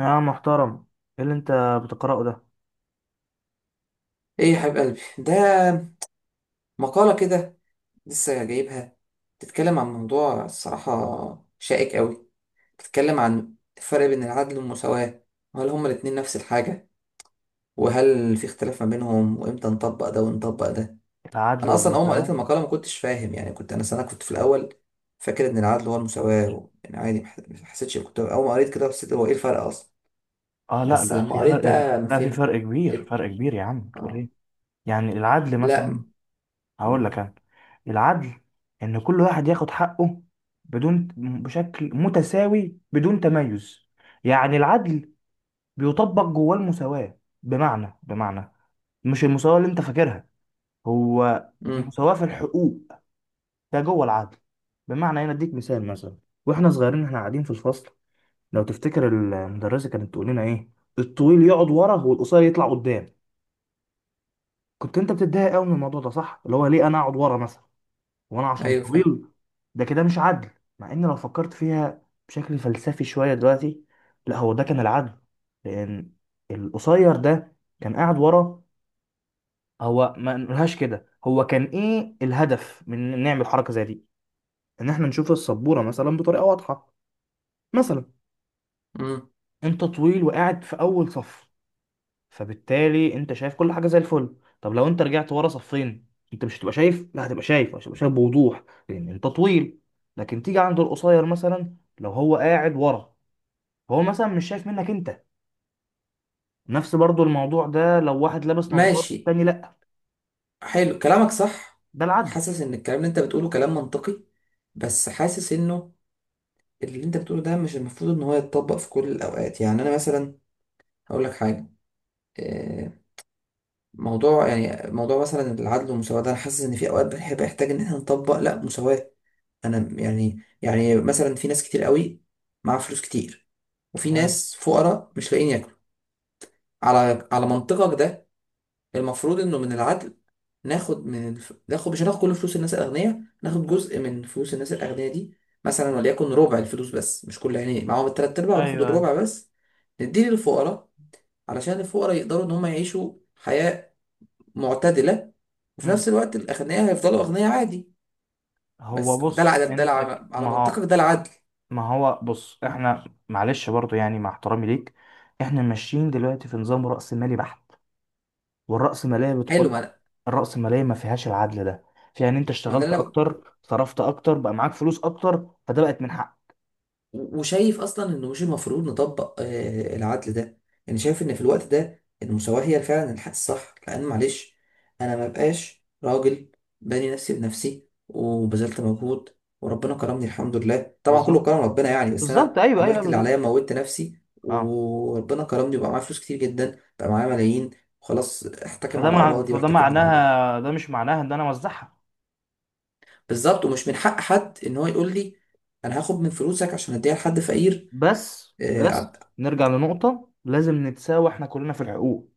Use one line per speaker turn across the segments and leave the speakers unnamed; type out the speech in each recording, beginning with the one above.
يا محترم، ايه اللي انت بتقرأه ده؟
ايه يا حبيب قلبي ده؟ مقالة كده لسه جايبها. بتتكلم عن موضوع الصراحة شائك قوي. بتتكلم عن الفرق بين العدل والمساواة، وهل هما الاتنين نفس الحاجة، وهل في اختلاف ما بينهم، وامتى نطبق ده ونطبق ده.
العدل
انا اصلا اول ما قريت
والمساواة؟
المقالة ما كنتش فاهم، يعني كنت انا سنة كنت في الاول، فاكر ان العدل هو المساواة يعني عادي ما حسيتش، كنت اول ما قريت كده حسيت هو ايه الفرق اصلا.
اه، لا،
بس
لا،
لما
في
قريت
فرق
بقى ما
لا، في
فهمت.
فرق كبير
إيه-
فرق كبير. يا عم، بتقول
آه.
ايه؟ يعني العدل
لا.
مثلا، هقول
م...
لك انا. العدل ان كل واحد ياخد حقه، بدون، بشكل متساوي بدون تميز. يعني العدل بيطبق جواه المساواة، بمعنى مش المساواة اللي انت فاكرها، هو
م...
مساواة في الحقوق، ده جوه العدل. بمعنى انا اديك مثال، مثلا واحنا صغيرين احنا قاعدين في الفصل، لو تفتكر المدرسة كانت تقول لنا ايه؟ الطويل يقعد ورا والقصير يطلع قدام. كنت انت بتتضايق قوي من الموضوع ده، صح؟ اللي هو ليه انا اقعد ورا مثلا وانا عشان
ايوه، فاهم.
طويل؟ ده كده مش عدل. مع ان لو فكرت فيها بشكل فلسفي شوية دلوقتي، لا هو ده كان العدل. لان القصير ده كان قاعد ورا، هو ما نقولهاش كده، هو كان ايه الهدف من إن نعمل حركة زي دي؟ ان احنا نشوف السبورة مثلا بطريقة واضحة، مثلا.
مم.
انت طويل وقاعد في اول صف، فبالتالي انت شايف كل حاجه زي الفل. طب لو انت رجعت ورا صفين، انت مش هتبقى شايف، لا، هتبقى شايف بوضوح لان انت طويل. لكن تيجي عند القصير، مثلا لو هو قاعد ورا، هو مثلا مش شايف منك انت. نفس برضو الموضوع ده لو واحد لابس نظارة
ماشي،
والتاني لا.
حلو كلامك صح.
ده العدل.
وحاسس ان الكلام اللي انت بتقوله كلام منطقي، بس حاسس انه اللي انت بتقوله ده مش المفروض ان هو يتطبق في كل الاوقات. يعني انا مثلا هقول لك حاجه، آه، موضوع موضوع مثلا العدل والمساواه ده، انا حاسس ان في اوقات بنحب احتاج ان احنا نطبق لا مساواه. انا يعني مثلا في ناس كتير قوي مع فلوس كتير، وفي
تمام.
ناس فقراء مش لاقيين ياكلوا. على منطقك ده، المفروض انه من العدل ناخد ناخد، مش هناخد كل فلوس الناس الاغنياء، ناخد جزء من فلوس الناس الاغنياء دي، مثلا
مم.
وليكن ربع الفلوس بس، مش كل، يعني معاهم التلات ارباع وناخد
ايوه.
الربع بس، نديه للفقراء علشان الفقراء يقدروا ان هم يعيشوا حياة معتدلة، وفي نفس
مم.
الوقت الاغنياء هيفضلوا اغنياء عادي.
هو
بس ده
بص
العدل،
انت
على
ما هو.
منطقك ده العدل.
ما هو بص احنا، معلش برضو يعني، مع احترامي ليك، احنا ماشيين دلوقتي في نظام رأسمالي بحت. والرأسمالية
حلو.
بتقول لك، الرأسمالية ما فيهاش العدل ده. فيها ان انت
ما ده
اشتغلت
اللي انا،
اكتر، صرفت اكتر، بقى معاك فلوس اكتر، فده بقت من حق.
وشايف اصلا انه مش المفروض نطبق العدل ده. يعني شايف ان في الوقت ده المساواة هي فعلا الحل الصح، لان معلش انا ما بقاش راجل باني نفسي بنفسي وبذلت مجهود وربنا كرمني، الحمد لله طبعا كله
بالظبط.
كرم ربنا يعني، بس انا
بالظبط، ايوه، ايوه،
عملت اللي
بالظبط.
عليا، موتت نفسي
اه.
وربنا كرمني وبقى معايا فلوس كتير جدا، بقى معايا ملايين، وخلاص احتكم على اراضي
فده
واحتكم على عربيه.
معناها، ده مش معناها ان انا اوزعها.
بالظبط، ومش من حق حد ان هو يقول لي انا هاخد من فلوسك عشان اديها لحد فقير.
بس
آه،
بس نرجع لنقطة، لازم نتساوى احنا كلنا في الحقوق.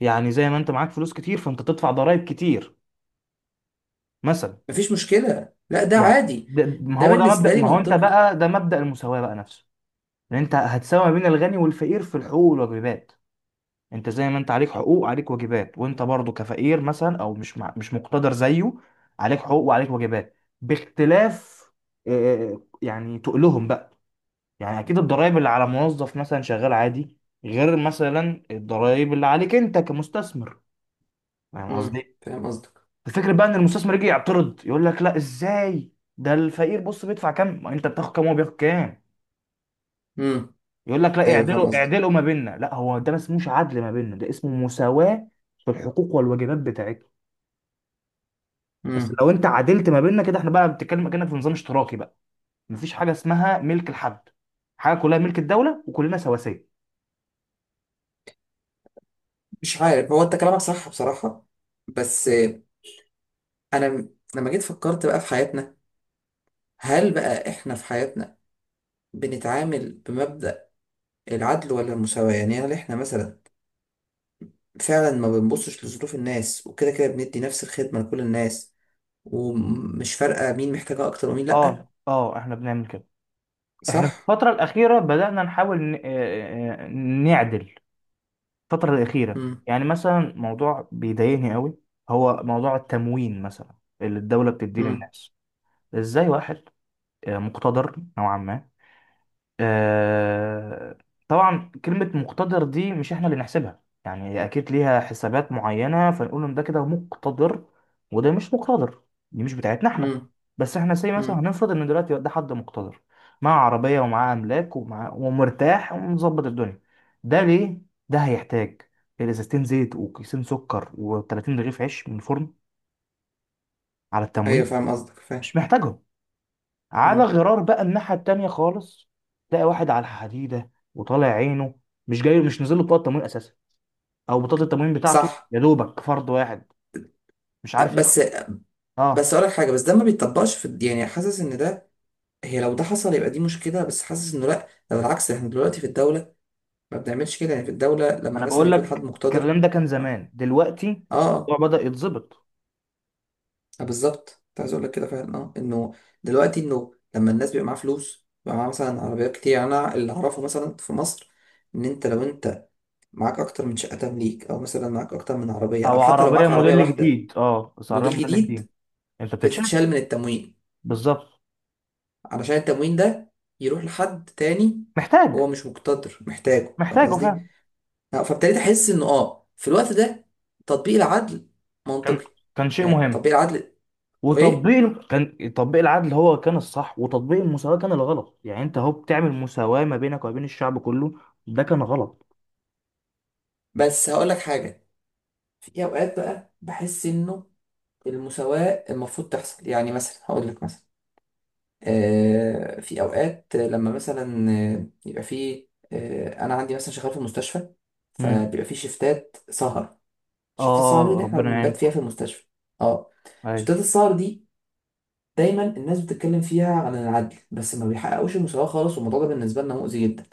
يعني زي ما انت معاك فلوس كتير، فانت تدفع ضرائب كتير مثلا.
مفيش مشكلة، لا ده
يعني
عادي.
ده، ما
ده
هو ده مبدأ،
بالنسبة لي
ما هو انت
منطقي.
بقى، ده مبدأ المساواة بقى نفسه. ان انت هتساوي ما بين الغني والفقير في الحقوق والواجبات. انت زي ما انت عليك حقوق، عليك واجبات، وانت برضو كفقير مثلا او مش مقتدر زيه. عليك حقوق وعليك واجبات، باختلاف. يعني تقلهم بقى. يعني اكيد الضرائب اللي على موظف مثلا شغال عادي، غير مثلا الضرائب اللي عليك انت كمستثمر. فاهم
امم،
قصدي؟
فاهم قصدك.
الفكرة بقى ان المستثمر يجي يعترض يقول لك: لا، ازاي ده الفقير بص بيدفع كام، ما انت بتاخد كام وهو بياخد كام؟
امم.
يقول لك: لا،
ايوه فاهم
اعدلوا
قصدك.
اعدلوا ما بيننا. لا، هو ده ما اسموش عدل ما بيننا، ده اسمه مساواة في الحقوق والواجبات بتاعتنا. بس
امم.
لو انت عدلت ما بيننا كده، احنا بقى بنتكلم كأنك في نظام اشتراكي بقى. مفيش حاجه اسمها ملك لحد، حاجه كلها ملك الدوله وكلنا سواسيه.
مش عارف، هو انت كلامك صح بصراحة، بس انا لما جيت فكرت بقى في حياتنا، هل بقى احنا في حياتنا بنتعامل بمبدأ العدل ولا المساواة؟ يعني هل احنا مثلا فعلا ما بنبصش لظروف الناس وكده كده بندي نفس الخدمة لكل الناس، ومش فارقة مين محتاجها اكتر ومين لأ؟
اه، اه، احنا بنعمل كده. احنا في
صح.
الفتره الاخيره بدأنا نحاول نعدل. الفتره الاخيره.
امم.
يعني مثلا موضوع بيضايقني قوي، هو موضوع التموين مثلا اللي الدوله بتديه
امم.
للناس. ازاي واحد مقتدر نوعا ما، آه، طبعا كلمة مقتدر دي مش احنا اللي نحسبها، يعني هي اكيد ليها حسابات معينة فنقول ان ده كده مقتدر وده مش مقتدر، دي مش بتاعتنا احنا.
امم.
بس احنا زي مثلا
امم.
هنفرض ان دلوقتي ده حد مقتدر، معاه عربية ومعاه املاك ومرتاح ومظبط الدنيا. ده ليه، ده هيحتاج ازازتين زيت وكيسين سكر و30 رغيف عيش من الفرن على التموين؟
ايوه، فاهم قصدك، فاهم.
مش محتاجهم. على
مم.
غرار بقى الناحية التانية خالص، تلاقي واحد على الحديدة وطالع عينه، مش نزل له بطاقة تموين أساسا، أو بطاقة التموين بتاعته
صح.
يا دوبك فرد واحد مش عارف يكفي.
بس بس
أه،
اقول لك حاجه، بس ده ما بيتطبقش يعني حاسس ان ده، هي لو ده حصل يبقى دي مشكله، بس حاسس انه لا، ده بالعكس، احنا دلوقتي في الدوله ما بنعملش كده، يعني في الدوله
ما
لما
أنا
مثلا
بقول
يكون حد
لك
مقتدر.
الكلام ده كان
اه.
زمان. دلوقتي
اه,
الموضوع بدأ يتظبط.
آه بالظبط، كنت عايز اقول لك كده فعلا، اه انه دلوقتي انه لما الناس بيبقى معاها فلوس، بيبقى معاها مثلا عربيات كتير، يعني انا اللي اعرفه مثلا في مصر ان انت لو انت معاك اكتر من شقه تمليك، او مثلا معاك اكتر من عربيه، او
أو
حتى لو
عربية
معاك عربيه
موديل
واحده
جديد، بس عربية
موديل
موديل
جديد،
جديد، أنت بتتشال.
بتتشال من التموين
بالظبط.
علشان التموين ده يروح لحد تاني،
محتاج
هو مش مقتدر، محتاجه، فاهم
محتاجه
قصدي؟
فعلا.
فابتديت أحس إنه آه في الوقت ده تطبيق العدل
كان
منطقي.
كان شيء
يعني
مهم.
تطبيق العدل. إيه؟
وتطبيق كان تطبيق العدل هو كان الصح وتطبيق المساواة كان الغلط. يعني انت اهو بتعمل مساواة ما بينك وما بين الشعب كله. ده كان غلط.
بس هقول لك حاجة، في أوقات بقى بحس إنه المساواة المفروض تحصل، يعني مثلا هقول لك مثلا، آه في أوقات لما مثلا يبقى في آه، أنا عندي مثلا شغال في المستشفى،
امم
فبيبقى في شيفتات سهر. شفتات السهر دي
اه،
اللي احنا
ربنا
بنبات فيها
يعينكم.
في المستشفى. اه.
ايوه،
شفتات السهر دي دايما الناس بتتكلم فيها عن العدل، بس ما بيحققوش المساواة خالص، والموضوع ده بالنسبة لنا مؤذي جدا،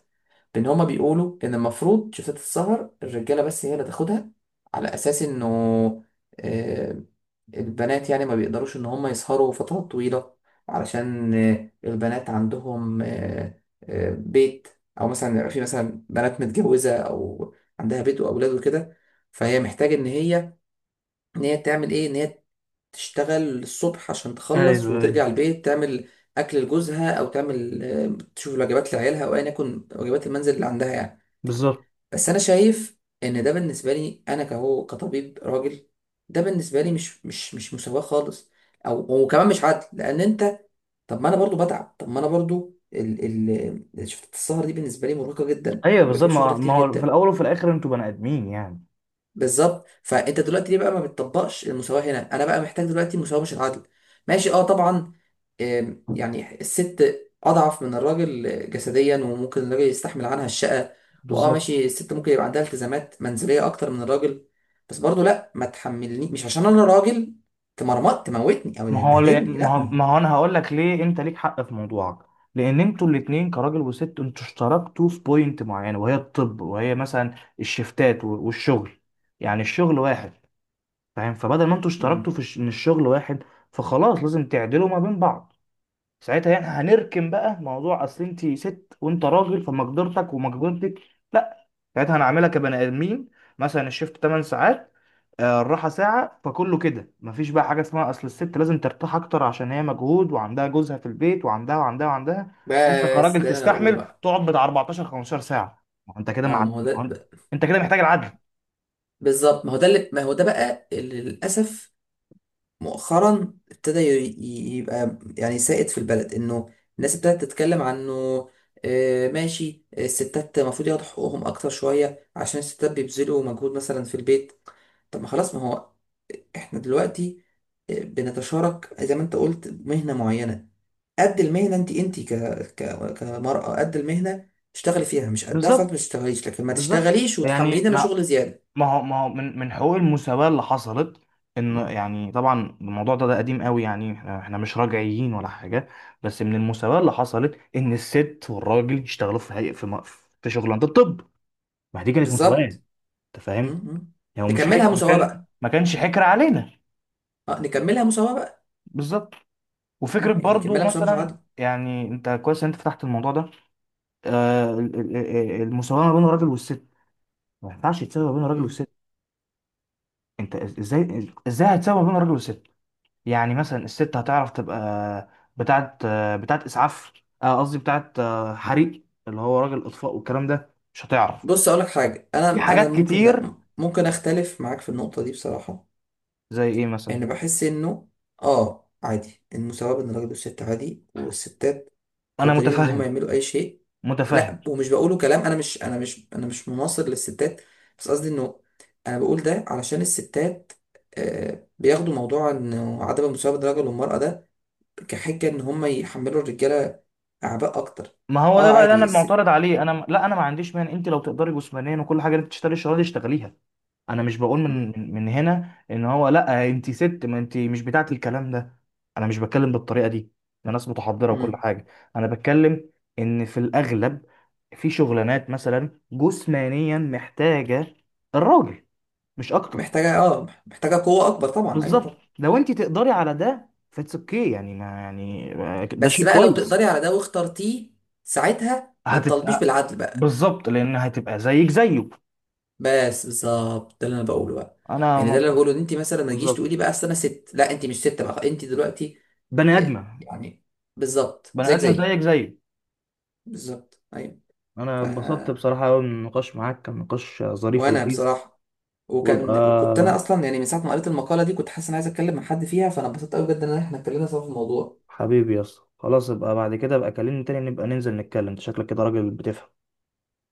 بان هما بيقولوا ان المفروض شفتات السهر الرجالة بس هي اللي تاخدها، على اساس انه آه، البنات يعني ما بيقدروش ان هما يسهروا فترات طويلة، علشان البنات عندهم بيت، او مثلا يبقى في مثلا بنات متجوزة او عندها بيت واولاد وكده، فهي محتاجة ان هي، ان هي تعمل ايه، ان هي تشتغل الصبح عشان تخلص
ايوه، ايوه،
وترجع البيت تعمل اكل لجوزها، او تعمل تشوف الوجبات لعيالها، او ايا يكن واجبات المنزل اللي عندها يعني.
بالظبط.
بس انا شايف ان ده بالنسبه لي انا كهو كطبيب راجل، ده بالنسبه لي مش مساواه خالص، او وكمان مش عدل، لان انت، طب ما انا برضو بتعب، طب ما انا برضو ال شفت السهر دي بالنسبه لي مرهقه جدا،
ايوه،
وبيبقى
بالظبط.
فيها شغل
ما ما
كتير
هو في
جدا.
الاول وفي الاخر انتوا بني ادمين يعني.
بالظبط، فانت دلوقتي ليه بقى ما بتطبقش المساواه هنا؟ انا بقى محتاج دلوقتي المساواه مش العدل. ماشي، اه طبعا. آم، يعني الست اضعف من الراجل جسديا، وممكن الراجل يستحمل عنها الشقه، واه
بالظبط.
ماشي، الست ممكن يبقى عندها التزامات منزليه اكتر من الراجل، بس برضه لا، ما تحملني مش عشان انا راجل تمرمط تموتني او
ما هو ل-
تبهدلني،
ما هو
لا. ما هو.
ما هو انا هقول لك ليه، انت ليك حق في موضوعك. لان انتوا الاتنين كراجل وست انتوا اشتركتوا في بوينت معينه، وهي الطب، وهي مثلا الشفتات والشغل، يعني الشغل واحد. فاهم؟ فبدل ما انتوا اشتركتوا
مم.
في ان الشغل واحد، فخلاص لازم تعدلوا ما بين بعض. ساعتها يعني هنركن بقى موضوع اصل انت ست وانت راجل، فمقدرتك ومقدرتك. لا، ساعتها هنعملها كبني ادمين. مثلا الشيفت 8 ساعات، الراحه ساعه، فكله كده مفيش بقى حاجه اسمها اصل الست لازم ترتاح اكتر عشان هي مجهود وعندها جوزها في البيت وعندها وعندها وعندها. وانت
بس
كراجل
ده اللي انا بقوله
تستحمل
بقى.
تقعد بتاع 14 15 ساعه. ما هو انت كده
اه
مع ما
ما هو ده،
هو انت كده محتاج العدل.
بالظبط، ما هو ده اللي، ما هو ده بقى اللي للاسف مؤخرا ابتدى يبقى يعني سائد في البلد، انه الناس ابتدت تتكلم عنه. ماشي، الستات المفروض ياخدوا حقوقهم اكتر شوية عشان الستات بيبذلوا مجهود مثلا في البيت. طب ما خلاص، ما هو احنا دلوقتي بنتشارك زي ما انت قلت مهنة معينة، قد المهنة، كمرأة قد المهنة اشتغلي فيها، مش قدها خلاص ما
بالظبط.
تشتغليش، لكن ما
بالظبط.
تشتغليش
يعني
وتحمليني انا
ما
شغل زيادة.
هو ما هو من حقوق المساواة اللي حصلت، ان يعني طبعا الموضوع ده قديم قوي، يعني احنا مش رجعيين ولا حاجة. بس من المساواة اللي حصلت ان الست والراجل يشتغلوا في هيئة، في في شغلانة الطب. ما دي كانت مساواة.
بالظبط.
انت
م-
فاهم؟
م.
يعني مش حك...
نكملها مساواة بقى.
ما كانش حكر علينا.
اه نكملها مساواة بقى.
بالظبط. وفكرة
اه يعني
برضو
كملها، بس هو مش
مثلا،
عادل.
يعني انت كويس ان انت فتحت الموضوع ده. المساواة ما بين الراجل والست، ما ينفعش تساوي ما بين الراجل
مم.
والست. انت ازاي هتساوي ما بين الراجل والست؟ يعني مثلا الست هتعرف تبقى بتاعت بتاعت اسعاف، قصدي بتاعت حريق، اللي هو راجل اطفاء والكلام ده، مش هتعرف.
بص اقول لك حاجه، انا
في
انا
حاجات
ممكن، لا
كتير.
ممكن اختلف معاك في النقطه دي بصراحه.
زي ايه مثلا؟
يعني بحس انه اه عادي المساواه بين الراجل والست عادي، والستات
انا
قادرين ان هم
متفهم،
يعملوا اي شيء.
متفهم.
لا ومش بقوله كلام، انا مش، انا مش مناصر للستات، بس قصدي انه انا بقول ده علشان الستات آه بياخدوا موضوع انه عدم المساواه بين الرجل والمراه ده كحجه ان هم يحملوا الرجاله اعباء اكتر.
ما هو ده
اه
بقى اللي انا
عادي الست.
معترض عليه. انا، لا، انا ما عنديش مانع، انت لو تقدري جسمانيا وكل حاجه، انت تشتغلي الشغلانه دي، اشتغليها. انا مش بقول من
مم.
من من هنا ان هو، لا انت ست، ما انت مش بتاعت الكلام ده. انا مش بتكلم بالطريقه دي، انا ناس متحضره وكل
مم.
حاجه. انا بتكلم ان في الاغلب، في شغلانات مثلا جسمانيا محتاجه الراجل، مش اكتر.
محتاجة، اه محتاجة قوة أكبر طبعا، أيوه
بالظبط،
طبعا.
لو انت تقدري على ده فاتس اوكي، يعني ما يعني ده
بس
شيء
بقى لو
كويس.
تقدري على ده واخترتيه، ساعتها ما تطالبيش
هتبقى.
بالعدل بقى.
بالظبط، لان هتبقى زيك زيه.
بس بالظبط ده اللي انا بقوله بقى.
انا
يعني ده اللي انا بقوله، ان انت مثلا ما تجيش
بالظبط.
تقولي بقى اصل انا ست، لا انت مش ست بقى انت دلوقتي،
بني ادمه،
يعني، بالظبط
بني
زيك
ادمه
زيي.
زيك زيه.
بالظبط ايوه.
انا
ف،
اتبسطت بصراحة قوي من النقاش معاك، كان نقاش ظريف
وانا
ولذيذ.
بصراحه،
وابقى
وكنت انا اصلا يعني من ساعه ما قريت المقاله دي كنت حاسس ان عايز اتكلم مع حد فيها، فانا اتبسطت قوي بجد ان احنا اتكلمنا سوا في الموضوع.
حبيبي يا اسطى، خلاص ابقى بعد كده، ابقى كلمني تاني، نبقى ننزل نتكلم، انت شكلك كده راجل بتفهم.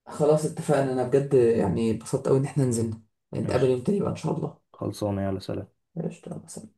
خلاص اتفقنا، انا بجد يعني اتبسطت قوي ان احنا نزلنا، نتقابل
ماشي،
يوم تاني بقى ان شاء الله.
خلصانة، يلا سلام.
قشطة مثلا.